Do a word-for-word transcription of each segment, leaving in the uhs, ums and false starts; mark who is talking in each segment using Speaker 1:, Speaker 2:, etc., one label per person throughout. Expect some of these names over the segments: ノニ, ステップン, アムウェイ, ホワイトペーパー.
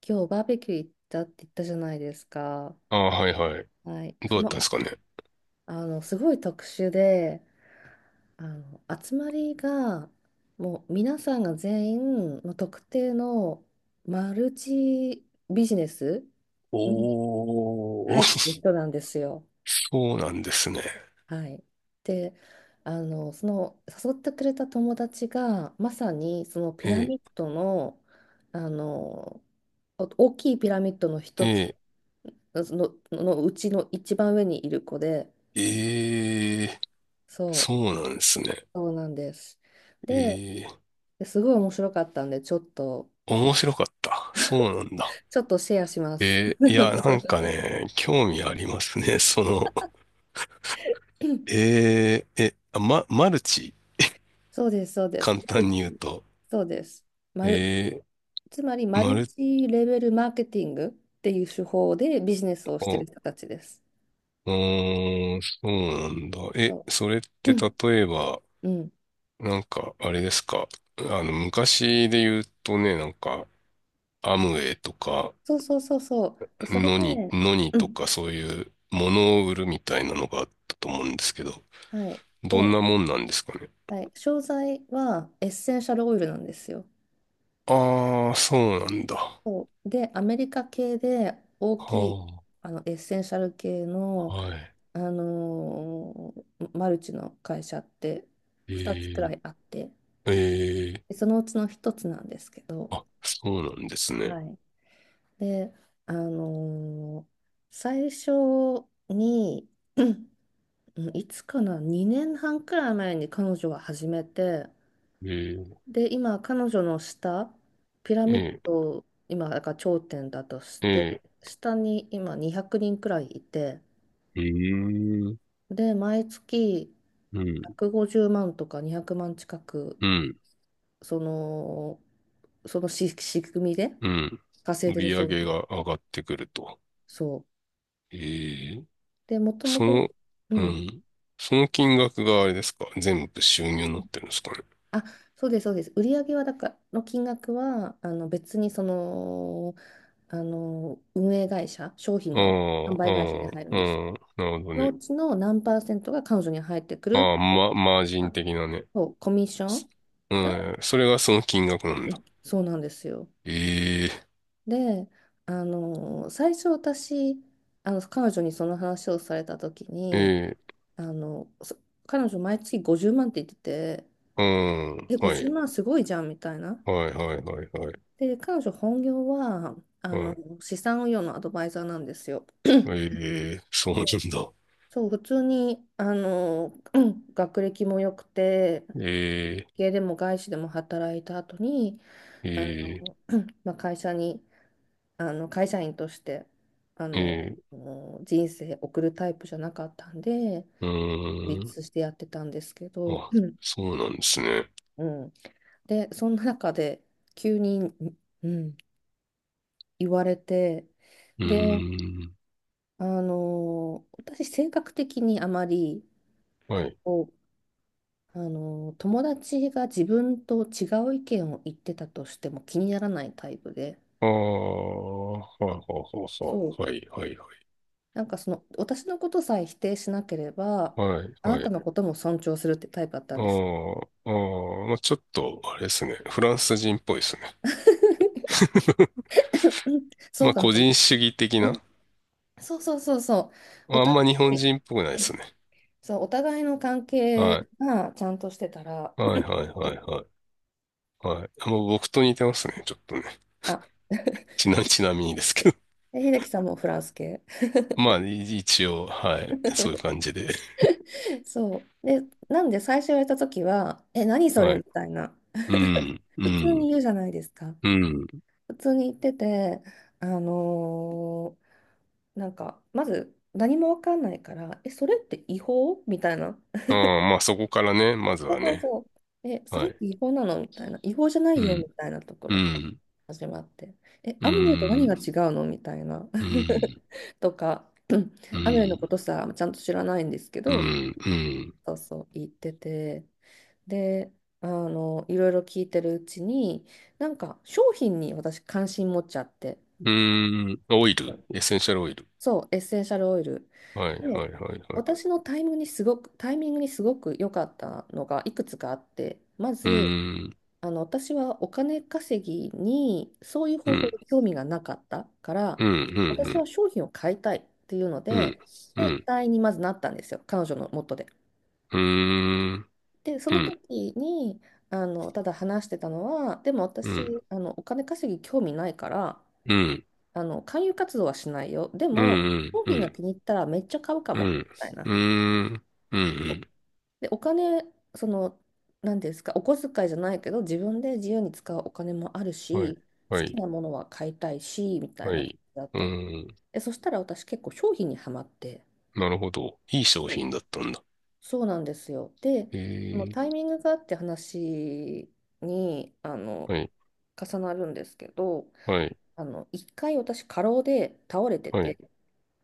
Speaker 1: 今日バーベキュー行ったって言ったじゃないですか。
Speaker 2: ああ、はいはい。
Speaker 1: はい。
Speaker 2: どうだ
Speaker 1: そ
Speaker 2: ったん
Speaker 1: の、
Speaker 2: です
Speaker 1: あ、
Speaker 2: かね。
Speaker 1: あの、すごい特殊で、あの、集まりが、もう皆さんが全員、もう特定のマルチビジネスに
Speaker 2: おー、
Speaker 1: 入ってる 人なんですよ。
Speaker 2: そうなんですね。
Speaker 1: はい。で、あの、その、誘ってくれた友達が、まさにそのピラミッ
Speaker 2: え
Speaker 1: ドの、あの、お大きいピラミッドの
Speaker 2: ー、
Speaker 1: 一つ
Speaker 2: え
Speaker 1: その、のうちの一番上にいる子で、
Speaker 2: ー、えー、
Speaker 1: そう、
Speaker 2: そうなんですね。
Speaker 1: そうなんです。で、
Speaker 2: えー、
Speaker 1: すごい面白かったんで、ちょっと、
Speaker 2: 面白かった。そうなんだ。
Speaker 1: ちょっとシェアします。
Speaker 2: えー、いや、なんかね、興味ありますね。その、えー、え、あま、マルチ
Speaker 1: そうです、そうです。
Speaker 2: 簡
Speaker 1: マル
Speaker 2: 単に言う
Speaker 1: チ
Speaker 2: と。
Speaker 1: そうです。マル、
Speaker 2: え
Speaker 1: つまり、
Speaker 2: ー、
Speaker 1: マ
Speaker 2: マ
Speaker 1: ル
Speaker 2: ル、
Speaker 1: チレベルマーケティングっていう手法でビジネスをしてる
Speaker 2: あ、
Speaker 1: 人たちです。
Speaker 2: うーん、そうなんだ。え、
Speaker 1: そ
Speaker 2: それっ
Speaker 1: う、
Speaker 2: て
Speaker 1: うん
Speaker 2: 例えば、
Speaker 1: うん、
Speaker 2: なんか、あれですか。あの、昔で言うとね、なんか、アムウェイとか、
Speaker 1: そうそうそうそう。で、それ
Speaker 2: ノニ、
Speaker 1: で、
Speaker 2: ノニ
Speaker 1: う
Speaker 2: と
Speaker 1: ん、
Speaker 2: かそういうものを売るみたいなのがあったと思うんですけど、
Speaker 1: はい。
Speaker 2: どん
Speaker 1: で、
Speaker 2: なもんなんですかね。
Speaker 1: はい、商材はエッセンシャルオイルなんですよ。
Speaker 2: ああ、そうなんだ。
Speaker 1: そうで、アメリカ系で大きい
Speaker 2: は
Speaker 1: あのエッセンシャル系
Speaker 2: あ、
Speaker 1: の、
Speaker 2: はい。
Speaker 1: あのーマルチの会社ってふたつくら
Speaker 2: え
Speaker 1: いあって、
Speaker 2: ー、え
Speaker 1: でそのうちのひとつなんですけど、
Speaker 2: ー、あ、そうなんですね。
Speaker 1: はい。で、あのー最初に、うんいつかな、にねんはんくらい前に彼女が始めて、
Speaker 2: えー、
Speaker 1: で、今、彼女の下、ピラミッ
Speaker 2: え
Speaker 1: ド、今、だから頂点だとして、
Speaker 2: ー、え
Speaker 1: 下に今にひゃくにんくにんくらいいて、
Speaker 2: ー、うーん、
Speaker 1: で、毎月
Speaker 2: うん、
Speaker 1: ひゃくごじゅうまんとかにひゃくまん近く、
Speaker 2: うん、
Speaker 1: その、そのし仕組みで
Speaker 2: うん。
Speaker 1: 稼い
Speaker 2: 売
Speaker 1: でる
Speaker 2: り
Speaker 1: そ
Speaker 2: 上
Speaker 1: うなん
Speaker 2: げ
Speaker 1: です。
Speaker 2: が上がってくると。
Speaker 1: そう。
Speaker 2: えー
Speaker 1: で、もとも
Speaker 2: その、
Speaker 1: と、う
Speaker 2: う
Speaker 1: ん。
Speaker 2: ん。その金額があれですか、全部収入になってるんですかね。
Speaker 1: あ、そうです、そうです。売上はだからの金額は、あの別にその、あの、運営会社、商品
Speaker 2: あ
Speaker 1: の販
Speaker 2: あ、
Speaker 1: 売会社に
Speaker 2: ああ、
Speaker 1: 入るんです。
Speaker 2: ああ、なるほど
Speaker 1: の
Speaker 2: ね。
Speaker 1: うちの何パーセントが彼女に入ってくる
Speaker 2: ああ、
Speaker 1: っていう、
Speaker 2: ま、マージ
Speaker 1: ま
Speaker 2: ン
Speaker 1: あ
Speaker 2: 的なね。
Speaker 1: そう、コミッショ
Speaker 2: す、
Speaker 1: ン
Speaker 2: う
Speaker 1: が、
Speaker 2: ん、それがその金額なん
Speaker 1: う
Speaker 2: だ。
Speaker 1: ん、そうなんですよ。
Speaker 2: ええ、
Speaker 1: で、あの、最初私、あの、彼女にその話をされた時
Speaker 2: え
Speaker 1: に、
Speaker 2: え、
Speaker 1: あの、そ彼女毎月ごじゅうまんって言ってて、
Speaker 2: うん、
Speaker 1: え、
Speaker 2: は
Speaker 1: 50
Speaker 2: い、
Speaker 1: 万すごいじゃんみたいな。
Speaker 2: はい、はい、はい、はい、
Speaker 1: で、彼女本業は、あ
Speaker 2: は
Speaker 1: の、
Speaker 2: い。
Speaker 1: 資産運用のアドバイザーなんですよ。
Speaker 2: ええ、そうなんだ。
Speaker 1: そう、普通に、あの、うん学歴も良くて、
Speaker 2: ええ、
Speaker 1: 家でも外資でも働いた後に、
Speaker 2: え
Speaker 1: あの、
Speaker 2: え、
Speaker 1: うんまあ、会社にあの会社員としてあ
Speaker 2: え
Speaker 1: の
Speaker 2: え、
Speaker 1: もう人生送るタイプじゃなかったんで、
Speaker 2: う
Speaker 1: 孤
Speaker 2: ーん。
Speaker 1: 立してやってたんですけど、
Speaker 2: あ、
Speaker 1: うん
Speaker 2: そうなんですね。
Speaker 1: うん、でそんな中で急に、うん言われて、
Speaker 2: う
Speaker 1: で、
Speaker 2: ーん。
Speaker 1: あの私性格的にあまり
Speaker 2: はい。
Speaker 1: こうあの友達が自分と違う意見を言ってたとしても気にならないタイプで。
Speaker 2: ああ、はいはい、そう
Speaker 1: そ
Speaker 2: そ
Speaker 1: う、
Speaker 2: う。はいはいはい。
Speaker 1: なんかその私のことさえ否定しなければ、
Speaker 2: はい
Speaker 1: あな
Speaker 2: は
Speaker 1: た
Speaker 2: い。
Speaker 1: のことも尊重するってタイプだった
Speaker 2: あ
Speaker 1: んです。
Speaker 2: あ、ああ、まあちょっと、あれですね。フランス人っぽいですね。
Speaker 1: うん、そ
Speaker 2: ま
Speaker 1: う
Speaker 2: あ
Speaker 1: かな、
Speaker 2: 個人主義的
Speaker 1: う
Speaker 2: な。
Speaker 1: ん、そうそうそうそう。
Speaker 2: ま
Speaker 1: お
Speaker 2: あん
Speaker 1: 互
Speaker 2: ま日本
Speaker 1: い、
Speaker 2: 人っぽくないで
Speaker 1: え
Speaker 2: すね。
Speaker 1: そう、お互いの関係
Speaker 2: は
Speaker 1: がちゃんとしてたら、
Speaker 2: い。はいはいはいはい。はい。あ、もう僕と似てますね。ちょっとね。
Speaker 1: あ、
Speaker 2: ちな、ちなみにですけど。
Speaker 1: で秀樹さんもフランス系。
Speaker 2: まあい一応、はい。そういう感じで。
Speaker 1: そう。で、なんで最初言われた時は、え、何それ
Speaker 2: は
Speaker 1: み
Speaker 2: い。
Speaker 1: たいな。
Speaker 2: うん、う
Speaker 1: 普通
Speaker 2: ん、
Speaker 1: に言うじゃないですか。
Speaker 2: うん。
Speaker 1: 普通に言ってて、あのーなんか、まず何もわかんないから、え、それって違法みたいな。
Speaker 2: ああ、まあそこからね、まず
Speaker 1: そう
Speaker 2: は
Speaker 1: そう
Speaker 2: ね。
Speaker 1: そう。え、そ
Speaker 2: は
Speaker 1: れっ
Speaker 2: い。
Speaker 1: て違法なのみたいな。違法じゃな
Speaker 2: う
Speaker 1: いよみ
Speaker 2: ん、
Speaker 1: たいなとこ
Speaker 2: う
Speaker 1: ろから
Speaker 2: ん、
Speaker 1: 始まって。え、
Speaker 2: う
Speaker 1: アムウェイと何
Speaker 2: ん、
Speaker 1: が違うのみたいな。
Speaker 2: うん。
Speaker 1: とか、うん
Speaker 2: う
Speaker 1: アムウェイのこ
Speaker 2: ん、
Speaker 1: とさ、ちゃんと知らないんですけ
Speaker 2: う
Speaker 1: ど、
Speaker 2: ん、うん、
Speaker 1: そうそう、言ってて。で、あの、いろいろ聞いてるうちに、なんか商品に私関心持っちゃって。
Speaker 2: うん、オイル、エッセンシャルオイル。
Speaker 1: そう、エッセンシャルオイル。
Speaker 2: はい、
Speaker 1: で、
Speaker 2: はい、はい、は
Speaker 1: 私
Speaker 2: い。
Speaker 1: のタイムにすごく、タイミングにすごく良かったのがいくつかあって、ま
Speaker 2: う
Speaker 1: ず、
Speaker 2: ん、
Speaker 1: あの、私はお金稼ぎにそういう
Speaker 2: う
Speaker 1: 方法
Speaker 2: ん、
Speaker 1: で興味がなかったか
Speaker 2: う
Speaker 1: ら、
Speaker 2: ん、う
Speaker 1: 私は
Speaker 2: ん、
Speaker 1: 商品を買いたいっていうの
Speaker 2: うん、
Speaker 1: で、
Speaker 2: うん、う
Speaker 1: で、
Speaker 2: ん、
Speaker 1: 会員にまずなったんですよ、彼女の元で。
Speaker 2: うん、
Speaker 1: で、そ
Speaker 2: う
Speaker 1: の
Speaker 2: ん、
Speaker 1: 時に、あの、ただ話してたのは、でも
Speaker 2: うん、うん、
Speaker 1: 私、あの、お金稼ぎ興味ないから、
Speaker 2: うん、
Speaker 1: あの、勧誘活動はしないよ。で
Speaker 2: う
Speaker 1: も、
Speaker 2: ん、
Speaker 1: 商品が気に入ったらめっちゃ買うか
Speaker 2: う
Speaker 1: も、み
Speaker 2: ん、
Speaker 1: たいな。
Speaker 2: うん、
Speaker 1: で、お金、その、何ですか、お小遣いじゃないけど、自分で自由に使うお金もある
Speaker 2: はい、
Speaker 1: し、好
Speaker 2: は
Speaker 1: き
Speaker 2: い、
Speaker 1: なものは買いたいし、みたい
Speaker 2: は
Speaker 1: な感
Speaker 2: い。
Speaker 1: じだっ
Speaker 2: う
Speaker 1: たの。
Speaker 2: ん、
Speaker 1: で、そしたら私結構商品にはまって、
Speaker 2: なるほど。いい商
Speaker 1: そう、
Speaker 2: 品だったんだ。
Speaker 1: そうなんですよ。で、
Speaker 2: え
Speaker 1: その
Speaker 2: ー、
Speaker 1: タイミングがあって話に、あの、
Speaker 2: はい、
Speaker 1: 重なるんですけど、
Speaker 2: はい、
Speaker 1: あの、一回私過労で倒れて
Speaker 2: は
Speaker 1: て、
Speaker 2: い。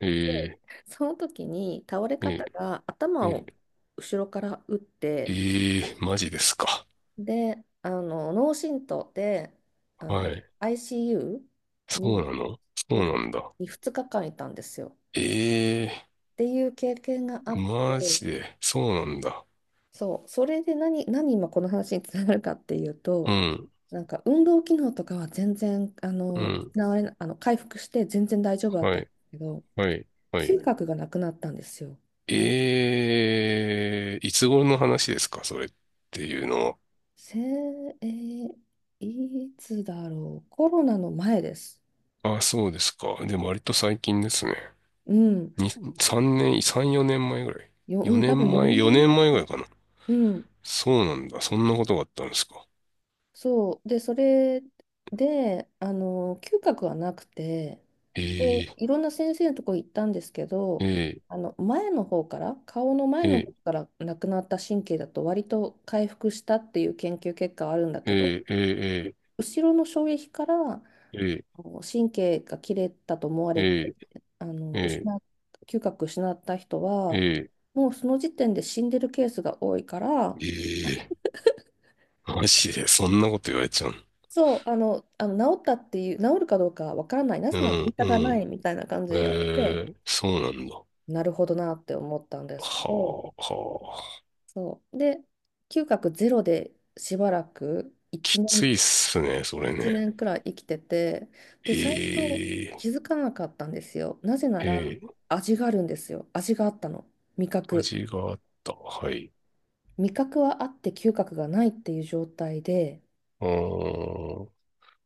Speaker 2: え
Speaker 1: その時に倒れ
Speaker 2: ー、え
Speaker 1: 方
Speaker 2: ー、
Speaker 1: が頭
Speaker 2: え
Speaker 1: を
Speaker 2: ー、
Speaker 1: 後ろから打っ
Speaker 2: え
Speaker 1: て、
Speaker 2: ー、マジですか。
Speaker 1: で、あの脳震盪であ
Speaker 2: は
Speaker 1: の
Speaker 2: い。
Speaker 1: アイシーユー
Speaker 2: そう
Speaker 1: に、
Speaker 2: なの、そうなんだ。
Speaker 1: にふつかかんいたんですよ。
Speaker 2: ええー、
Speaker 1: っていう経験があっ
Speaker 2: マ
Speaker 1: て、
Speaker 2: ジで、そうなんだ。
Speaker 1: そう、それで何、何今この話につながるかっていう
Speaker 2: う
Speaker 1: と、
Speaker 2: ん、
Speaker 1: なんか運動機能とかは全然あ
Speaker 2: う
Speaker 1: の
Speaker 2: ん、
Speaker 1: 失われなあの回復して全然大丈夫だっ
Speaker 2: は
Speaker 1: たんで
Speaker 2: い、
Speaker 1: すけど、
Speaker 2: はい、はい。
Speaker 1: 嗅覚がなくなったんですよ。
Speaker 2: ええー、いつ頃の話ですか、それっていうの
Speaker 1: せ、えーいつだろう。コロナの前です。
Speaker 2: は。あ、そうですか。でも割と最近ですね。
Speaker 1: うん。
Speaker 2: に、さんねん、さん、よねんまえぐらい。
Speaker 1: よ、うん、
Speaker 2: 4
Speaker 1: 多分
Speaker 2: 年前、
Speaker 1: 4
Speaker 2: 4
Speaker 1: 年
Speaker 2: 年前ぐらい
Speaker 1: 前。
Speaker 2: かな。
Speaker 1: うん。
Speaker 2: そうなんだ。そんなことがあったんですか。
Speaker 1: そう。で、それで、あの、嗅覚はなくて、
Speaker 2: え
Speaker 1: で、
Speaker 2: え
Speaker 1: いろんな先生のとこ行ったんですけど、
Speaker 2: え
Speaker 1: あの、前の方から、顔の前の方
Speaker 2: ええ
Speaker 1: からなくなった神経だと割と回復したっていう研究結果はあるんだけど、
Speaker 2: ええええええ
Speaker 1: 後ろの衝撃からあの神経が切れたと思われ
Speaker 2: え
Speaker 1: て、あの失
Speaker 2: え
Speaker 1: っ嗅覚失った人
Speaker 2: ええ
Speaker 1: は
Speaker 2: ー、えー、え
Speaker 1: もうその時点で死んでるケースが多いから、
Speaker 2: ー、えー、マジで、そんなこと言われちゃう。
Speaker 1: そう、あの、あの治ったっていう治るかどうかわからない、な
Speaker 2: う
Speaker 1: ぜならデー
Speaker 2: ん、
Speaker 1: タ
Speaker 2: う
Speaker 1: がない
Speaker 2: ん、
Speaker 1: みたいな感じで言われて、
Speaker 2: ええ、そうなんだ。は
Speaker 1: なるほどなって思ったんですけど、
Speaker 2: あ、はあ。
Speaker 1: そうで嗅覚ゼロでしばらく1
Speaker 2: き
Speaker 1: 年、
Speaker 2: ついっすね、それ
Speaker 1: 一
Speaker 2: ね。
Speaker 1: 年くらい生きてて、で最初
Speaker 2: ええ、
Speaker 1: 気づかなかったんですよ。なぜなら
Speaker 2: ええ、
Speaker 1: 味があるんですよ。味があったの。味覚
Speaker 2: 味があった。はい。
Speaker 1: 味覚はあって嗅覚がないっていう状態で、
Speaker 2: うーん。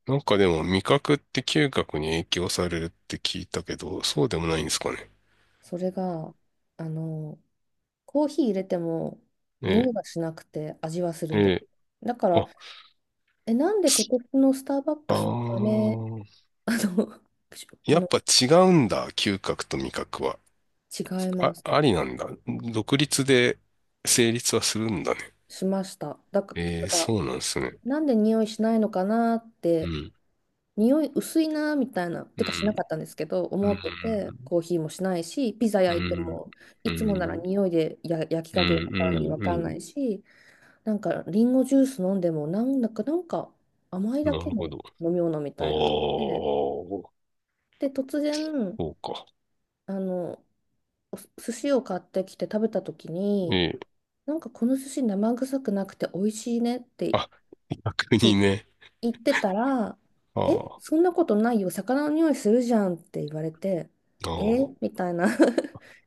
Speaker 2: なんかでも味覚って嗅覚に影響されるって聞いたけど、そうでもないんですかね。
Speaker 1: それが、あの、コーヒー入れても匂いが
Speaker 2: え
Speaker 1: しなくて味はする
Speaker 2: え、
Speaker 1: んで
Speaker 2: え
Speaker 1: す。
Speaker 2: え、
Speaker 1: だから、
Speaker 2: あ、
Speaker 1: え、なんで今年のスターバッ
Speaker 2: あ
Speaker 1: クスの豆、
Speaker 2: ー、
Speaker 1: あの、しあ
Speaker 2: やっ
Speaker 1: の、
Speaker 2: ぱ違うんだ、嗅覚と味覚は。
Speaker 1: 違いま
Speaker 2: あ、
Speaker 1: す。
Speaker 2: ありなんだ。独立で成立はするんだね。
Speaker 1: しました。だから、
Speaker 2: え
Speaker 1: だ
Speaker 2: え、
Speaker 1: から
Speaker 2: そうなんですね。
Speaker 1: なんで匂いしないのかなっ
Speaker 2: う
Speaker 1: て、
Speaker 2: ん。
Speaker 1: 匂い薄いなみたいな、
Speaker 2: う
Speaker 1: てかしな
Speaker 2: ん
Speaker 1: かったんですけど、
Speaker 2: う
Speaker 1: 思ってて、
Speaker 2: ん、
Speaker 1: コーヒーもしないし、ピザ
Speaker 2: う
Speaker 1: 焼いて
Speaker 2: ん、
Speaker 1: も、
Speaker 2: う
Speaker 1: い
Speaker 2: ん、
Speaker 1: つもなら
Speaker 2: うん、
Speaker 1: 匂いでや焼き
Speaker 2: うん、
Speaker 1: 加減わかるのにわ
Speaker 2: う
Speaker 1: かんない
Speaker 2: ん、
Speaker 1: し、なんかリンゴジュース飲んでもなんだかなんか甘い
Speaker 2: な
Speaker 1: だけ
Speaker 2: る
Speaker 1: の
Speaker 2: ほど。
Speaker 1: 飲み物み
Speaker 2: ああ、
Speaker 1: たいな。で、
Speaker 2: そ
Speaker 1: で突然
Speaker 2: うか。
Speaker 1: あのお寿司を買ってきて食べた時に、
Speaker 2: ええ。
Speaker 1: なんかこの寿司生臭くなくて美味しいねって
Speaker 2: あ、逆に
Speaker 1: い
Speaker 2: ね。
Speaker 1: 言ってたら、「え
Speaker 2: ああ、
Speaker 1: そんなことないよ、魚の匂いするじゃん」って言われて
Speaker 2: あ
Speaker 1: 「え」
Speaker 2: あ。
Speaker 1: みたいな。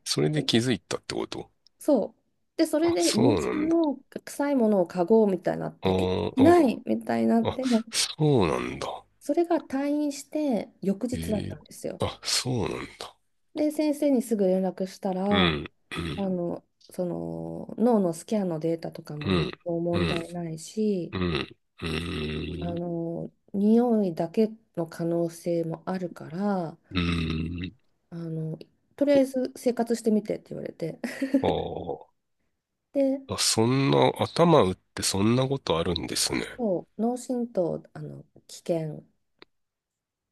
Speaker 2: それで気づいたってこと。
Speaker 1: そうで、それ
Speaker 2: あ、
Speaker 1: で
Speaker 2: そ
Speaker 1: 家
Speaker 2: うな
Speaker 1: 中
Speaker 2: んだ。
Speaker 1: の臭いものを嗅ごうみたいになっ
Speaker 2: あ
Speaker 1: て、「えな
Speaker 2: あ、
Speaker 1: い」みたいにな
Speaker 2: あ、
Speaker 1: っ
Speaker 2: あ、
Speaker 1: て、
Speaker 2: そうなんだ。
Speaker 1: それが退院して翌日だった
Speaker 2: ええ。
Speaker 1: んですよ。
Speaker 2: あ、そうなんだ。
Speaker 1: で、先生にすぐ連絡した
Speaker 2: う
Speaker 1: ら、
Speaker 2: ん、う
Speaker 1: あ
Speaker 2: ん、
Speaker 1: の、その脳のスキャンのデータとか
Speaker 2: う
Speaker 1: も何
Speaker 2: ん、
Speaker 1: も
Speaker 2: う
Speaker 1: 問
Speaker 2: ん、
Speaker 1: 題ないし、
Speaker 2: うん、う
Speaker 1: あ
Speaker 2: ん、
Speaker 1: の、匂いだけの可能性もあるから、
Speaker 2: うん。
Speaker 1: あの、とりあえず生活してみてって言われて。
Speaker 2: あ
Speaker 1: で、
Speaker 2: あ、あ、そんな、頭打ってそんなことあるんですね。
Speaker 1: そう、脳震盪、あの、危険、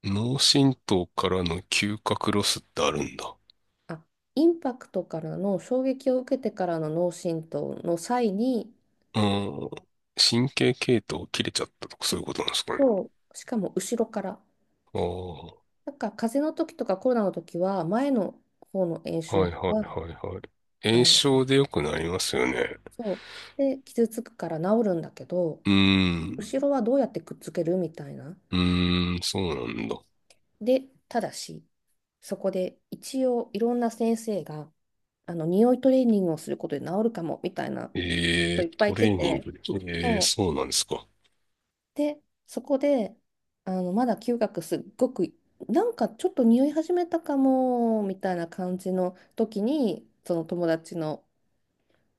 Speaker 2: 脳震盪からの嗅覚ロスってあるんだ。
Speaker 1: あ、インパクトからの衝撃を受けてからの脳震盪の際に、
Speaker 2: うん。神経系統切れちゃったとかそ
Speaker 1: き
Speaker 2: ういうことなんですかね。
Speaker 1: そう、しかも後ろから。
Speaker 2: ああ、
Speaker 1: なんか風邪の時とかコロナの時は前の方の炎症
Speaker 2: はいはいは
Speaker 1: が
Speaker 2: いはい。
Speaker 1: あ
Speaker 2: 炎
Speaker 1: の
Speaker 2: 症で良くなりますよね。
Speaker 1: そうで傷つくから治るんだけど、
Speaker 2: うーん。
Speaker 1: 後ろはどうやってくっつけるみたいな。
Speaker 2: うーん、そうなんだ。
Speaker 1: で、ただし、そこで一応いろんな先生があの匂いトレーニングをすることで治るかもみたいなこ
Speaker 2: え
Speaker 1: と
Speaker 2: え、
Speaker 1: いっぱ
Speaker 2: ト
Speaker 1: い言っ
Speaker 2: レ
Speaker 1: て
Speaker 2: ーニン
Speaker 1: て、
Speaker 2: グで。ええ、
Speaker 1: そう
Speaker 2: そうなんですか。
Speaker 1: で、そこであのまだ嗅覚すっごく、なんかちょっと匂い始めたかもみたいな感じの時に、その友達の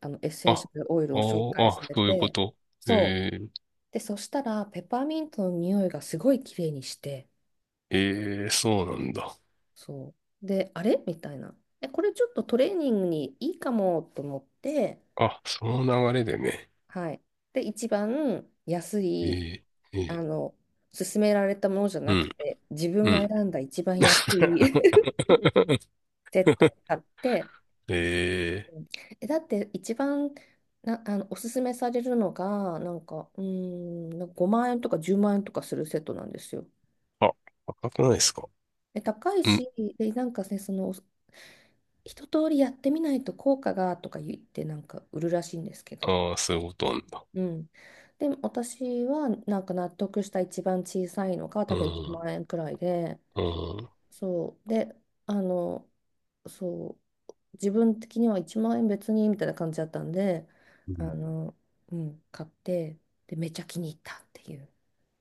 Speaker 1: あのエッセ
Speaker 2: あ、
Speaker 1: ンシ
Speaker 2: あ
Speaker 1: ャルオイルを紹
Speaker 2: ー、
Speaker 1: 介さ
Speaker 2: あ、
Speaker 1: れ
Speaker 2: そういうこ
Speaker 1: て、
Speaker 2: と。
Speaker 1: そう。
Speaker 2: え
Speaker 1: で、そしたら、ペパーミントの匂いがすごい綺麗にして、
Speaker 2: え、ええ、そうなんだ。
Speaker 1: そう。で、あれみたいな。え、これちょっとトレーニングにいいかもと思って、
Speaker 2: あ、その流れでね。
Speaker 1: はい。で、一番安
Speaker 2: え
Speaker 1: い、
Speaker 2: え、え
Speaker 1: あ
Speaker 2: え、
Speaker 1: の、勧められたものじゃ
Speaker 2: う
Speaker 1: なく
Speaker 2: ん、
Speaker 1: て、自分
Speaker 2: う
Speaker 1: が
Speaker 2: ん。
Speaker 1: 選んだ一番安い セットを買って、
Speaker 2: ええ、
Speaker 1: え、だって一番な、あの、おすすめされるのが、なんか、うーん、なんかごまん円とかじゅうまん円とかするセットなんですよ。
Speaker 2: あ、赤くないですか。
Speaker 1: え、高い
Speaker 2: うん。
Speaker 1: し、で、なんかね、その、一通りやってみないと効果がとか言ってなんか売るらしいんですけど。
Speaker 2: ああ、そういうことなんだ。
Speaker 1: うん。で、私はなんか納得した一番小さいのが
Speaker 2: う
Speaker 1: 多分1
Speaker 2: ん。
Speaker 1: 万円くらいで、
Speaker 2: うん。
Speaker 1: そう。で、あの、そう。自分的にはいちまん円別にみたいな感じだったんで、
Speaker 2: う
Speaker 1: あ
Speaker 2: ん、
Speaker 1: の、うん、買って、で、めっちゃ気に入ったっていう。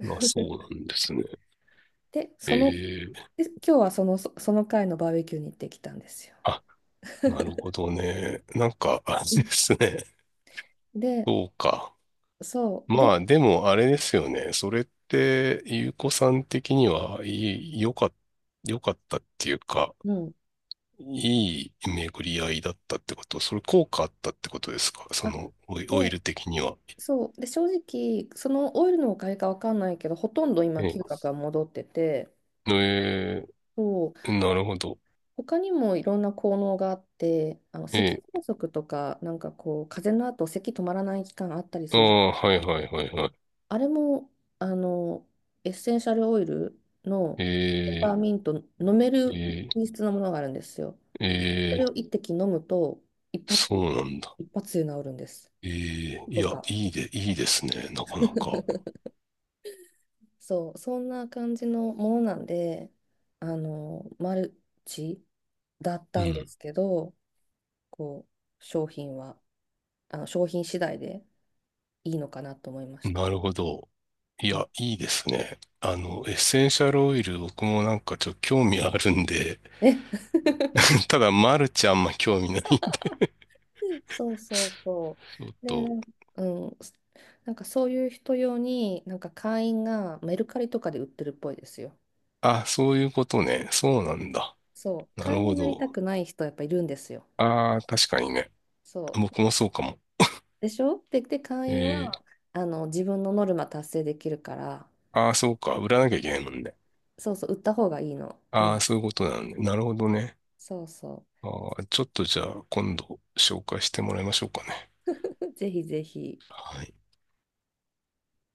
Speaker 2: まあ、そうなんですね。
Speaker 1: で、その、
Speaker 2: ええ、
Speaker 1: で、今日はその、そその回のバーベキューに行ってきたんですよ。
Speaker 2: あ、なるほどね。なんか、あ
Speaker 1: う
Speaker 2: れ
Speaker 1: ん
Speaker 2: ですね。
Speaker 1: で、
Speaker 2: そうか。
Speaker 1: そう、で、
Speaker 2: まあ、でも、あれですよね。それって、ゆうこさん的には、いい、良かった、よかったっていうか、
Speaker 1: うん、
Speaker 2: いい巡り合いだったってこと、それ効果あったってことですか、そ
Speaker 1: あ、
Speaker 2: の、オイオイ
Speaker 1: で、
Speaker 2: ル的には。
Speaker 1: そう、で、正直、そのオイルのおかげかわかんないけど、ほとんど今、
Speaker 2: ええ、
Speaker 1: 嗅覚が戻ってて、
Speaker 2: え
Speaker 1: そう、
Speaker 2: え、なるほど。
Speaker 1: 他にもいろんな効能があって、あの、咳
Speaker 2: ええ、
Speaker 1: 喘息とか、なんかこう、風邪の後、咳止まらない期間あったり
Speaker 2: あ
Speaker 1: する
Speaker 2: あ、はいはいはいは
Speaker 1: あれも、あの、エッセンシャルオイルのペ
Speaker 2: い。
Speaker 1: パー
Speaker 2: え
Speaker 1: ミント、飲め
Speaker 2: ー、
Speaker 1: る
Speaker 2: え
Speaker 1: 品
Speaker 2: ー、
Speaker 1: 質のものがあるんですよ。そ
Speaker 2: え
Speaker 1: れを
Speaker 2: え、
Speaker 1: 一滴飲むと、一発で、
Speaker 2: そうなんだ。
Speaker 1: 一発で治るんです。
Speaker 2: ええ、い
Speaker 1: と
Speaker 2: や、
Speaker 1: か。
Speaker 2: いいで、いいですね、なかなか。
Speaker 1: そう、そんな感じのものなんで、あの、マルチだっ
Speaker 2: う
Speaker 1: たんで
Speaker 2: ん。
Speaker 1: すけど、こう、商品は、あの、商品次第でいいのかなと思いました。
Speaker 2: なるほど。い
Speaker 1: うん。
Speaker 2: や、いいですね。あの、エッセンシャルオイル、僕もなんかちょっと興味あるんで、
Speaker 1: ね、
Speaker 2: ただ、マルチあんま興味ないんだ
Speaker 1: そうそうそ
Speaker 2: よ
Speaker 1: う。で、な
Speaker 2: と。
Speaker 1: んうん、なんかそういう人用に、なんか会員がメルカリとかで売ってるっぽいですよ。
Speaker 2: あ、そういうことね。そうなんだ。
Speaker 1: そう、
Speaker 2: なる
Speaker 1: 会員に
Speaker 2: ほ
Speaker 1: なりた
Speaker 2: ど。
Speaker 1: くない人やっぱいるんですよ。
Speaker 2: ああ、確かにね。
Speaker 1: そ
Speaker 2: 僕
Speaker 1: う。
Speaker 2: もそうかも。
Speaker 1: でしょで、で、会員
Speaker 2: ええ、
Speaker 1: はあの自分のノルマ達成できるから、
Speaker 2: ああ、そうか。売らなきゃいけないもんね。
Speaker 1: そうそう、売った方がいいの。う
Speaker 2: ああ、
Speaker 1: ん。
Speaker 2: そういうことなんだ。なるほどね。
Speaker 1: そうそ
Speaker 2: ああ、ちょっとじゃあ今度紹介してもらいましょうかね。
Speaker 1: う。ぜひぜひ。
Speaker 2: はい。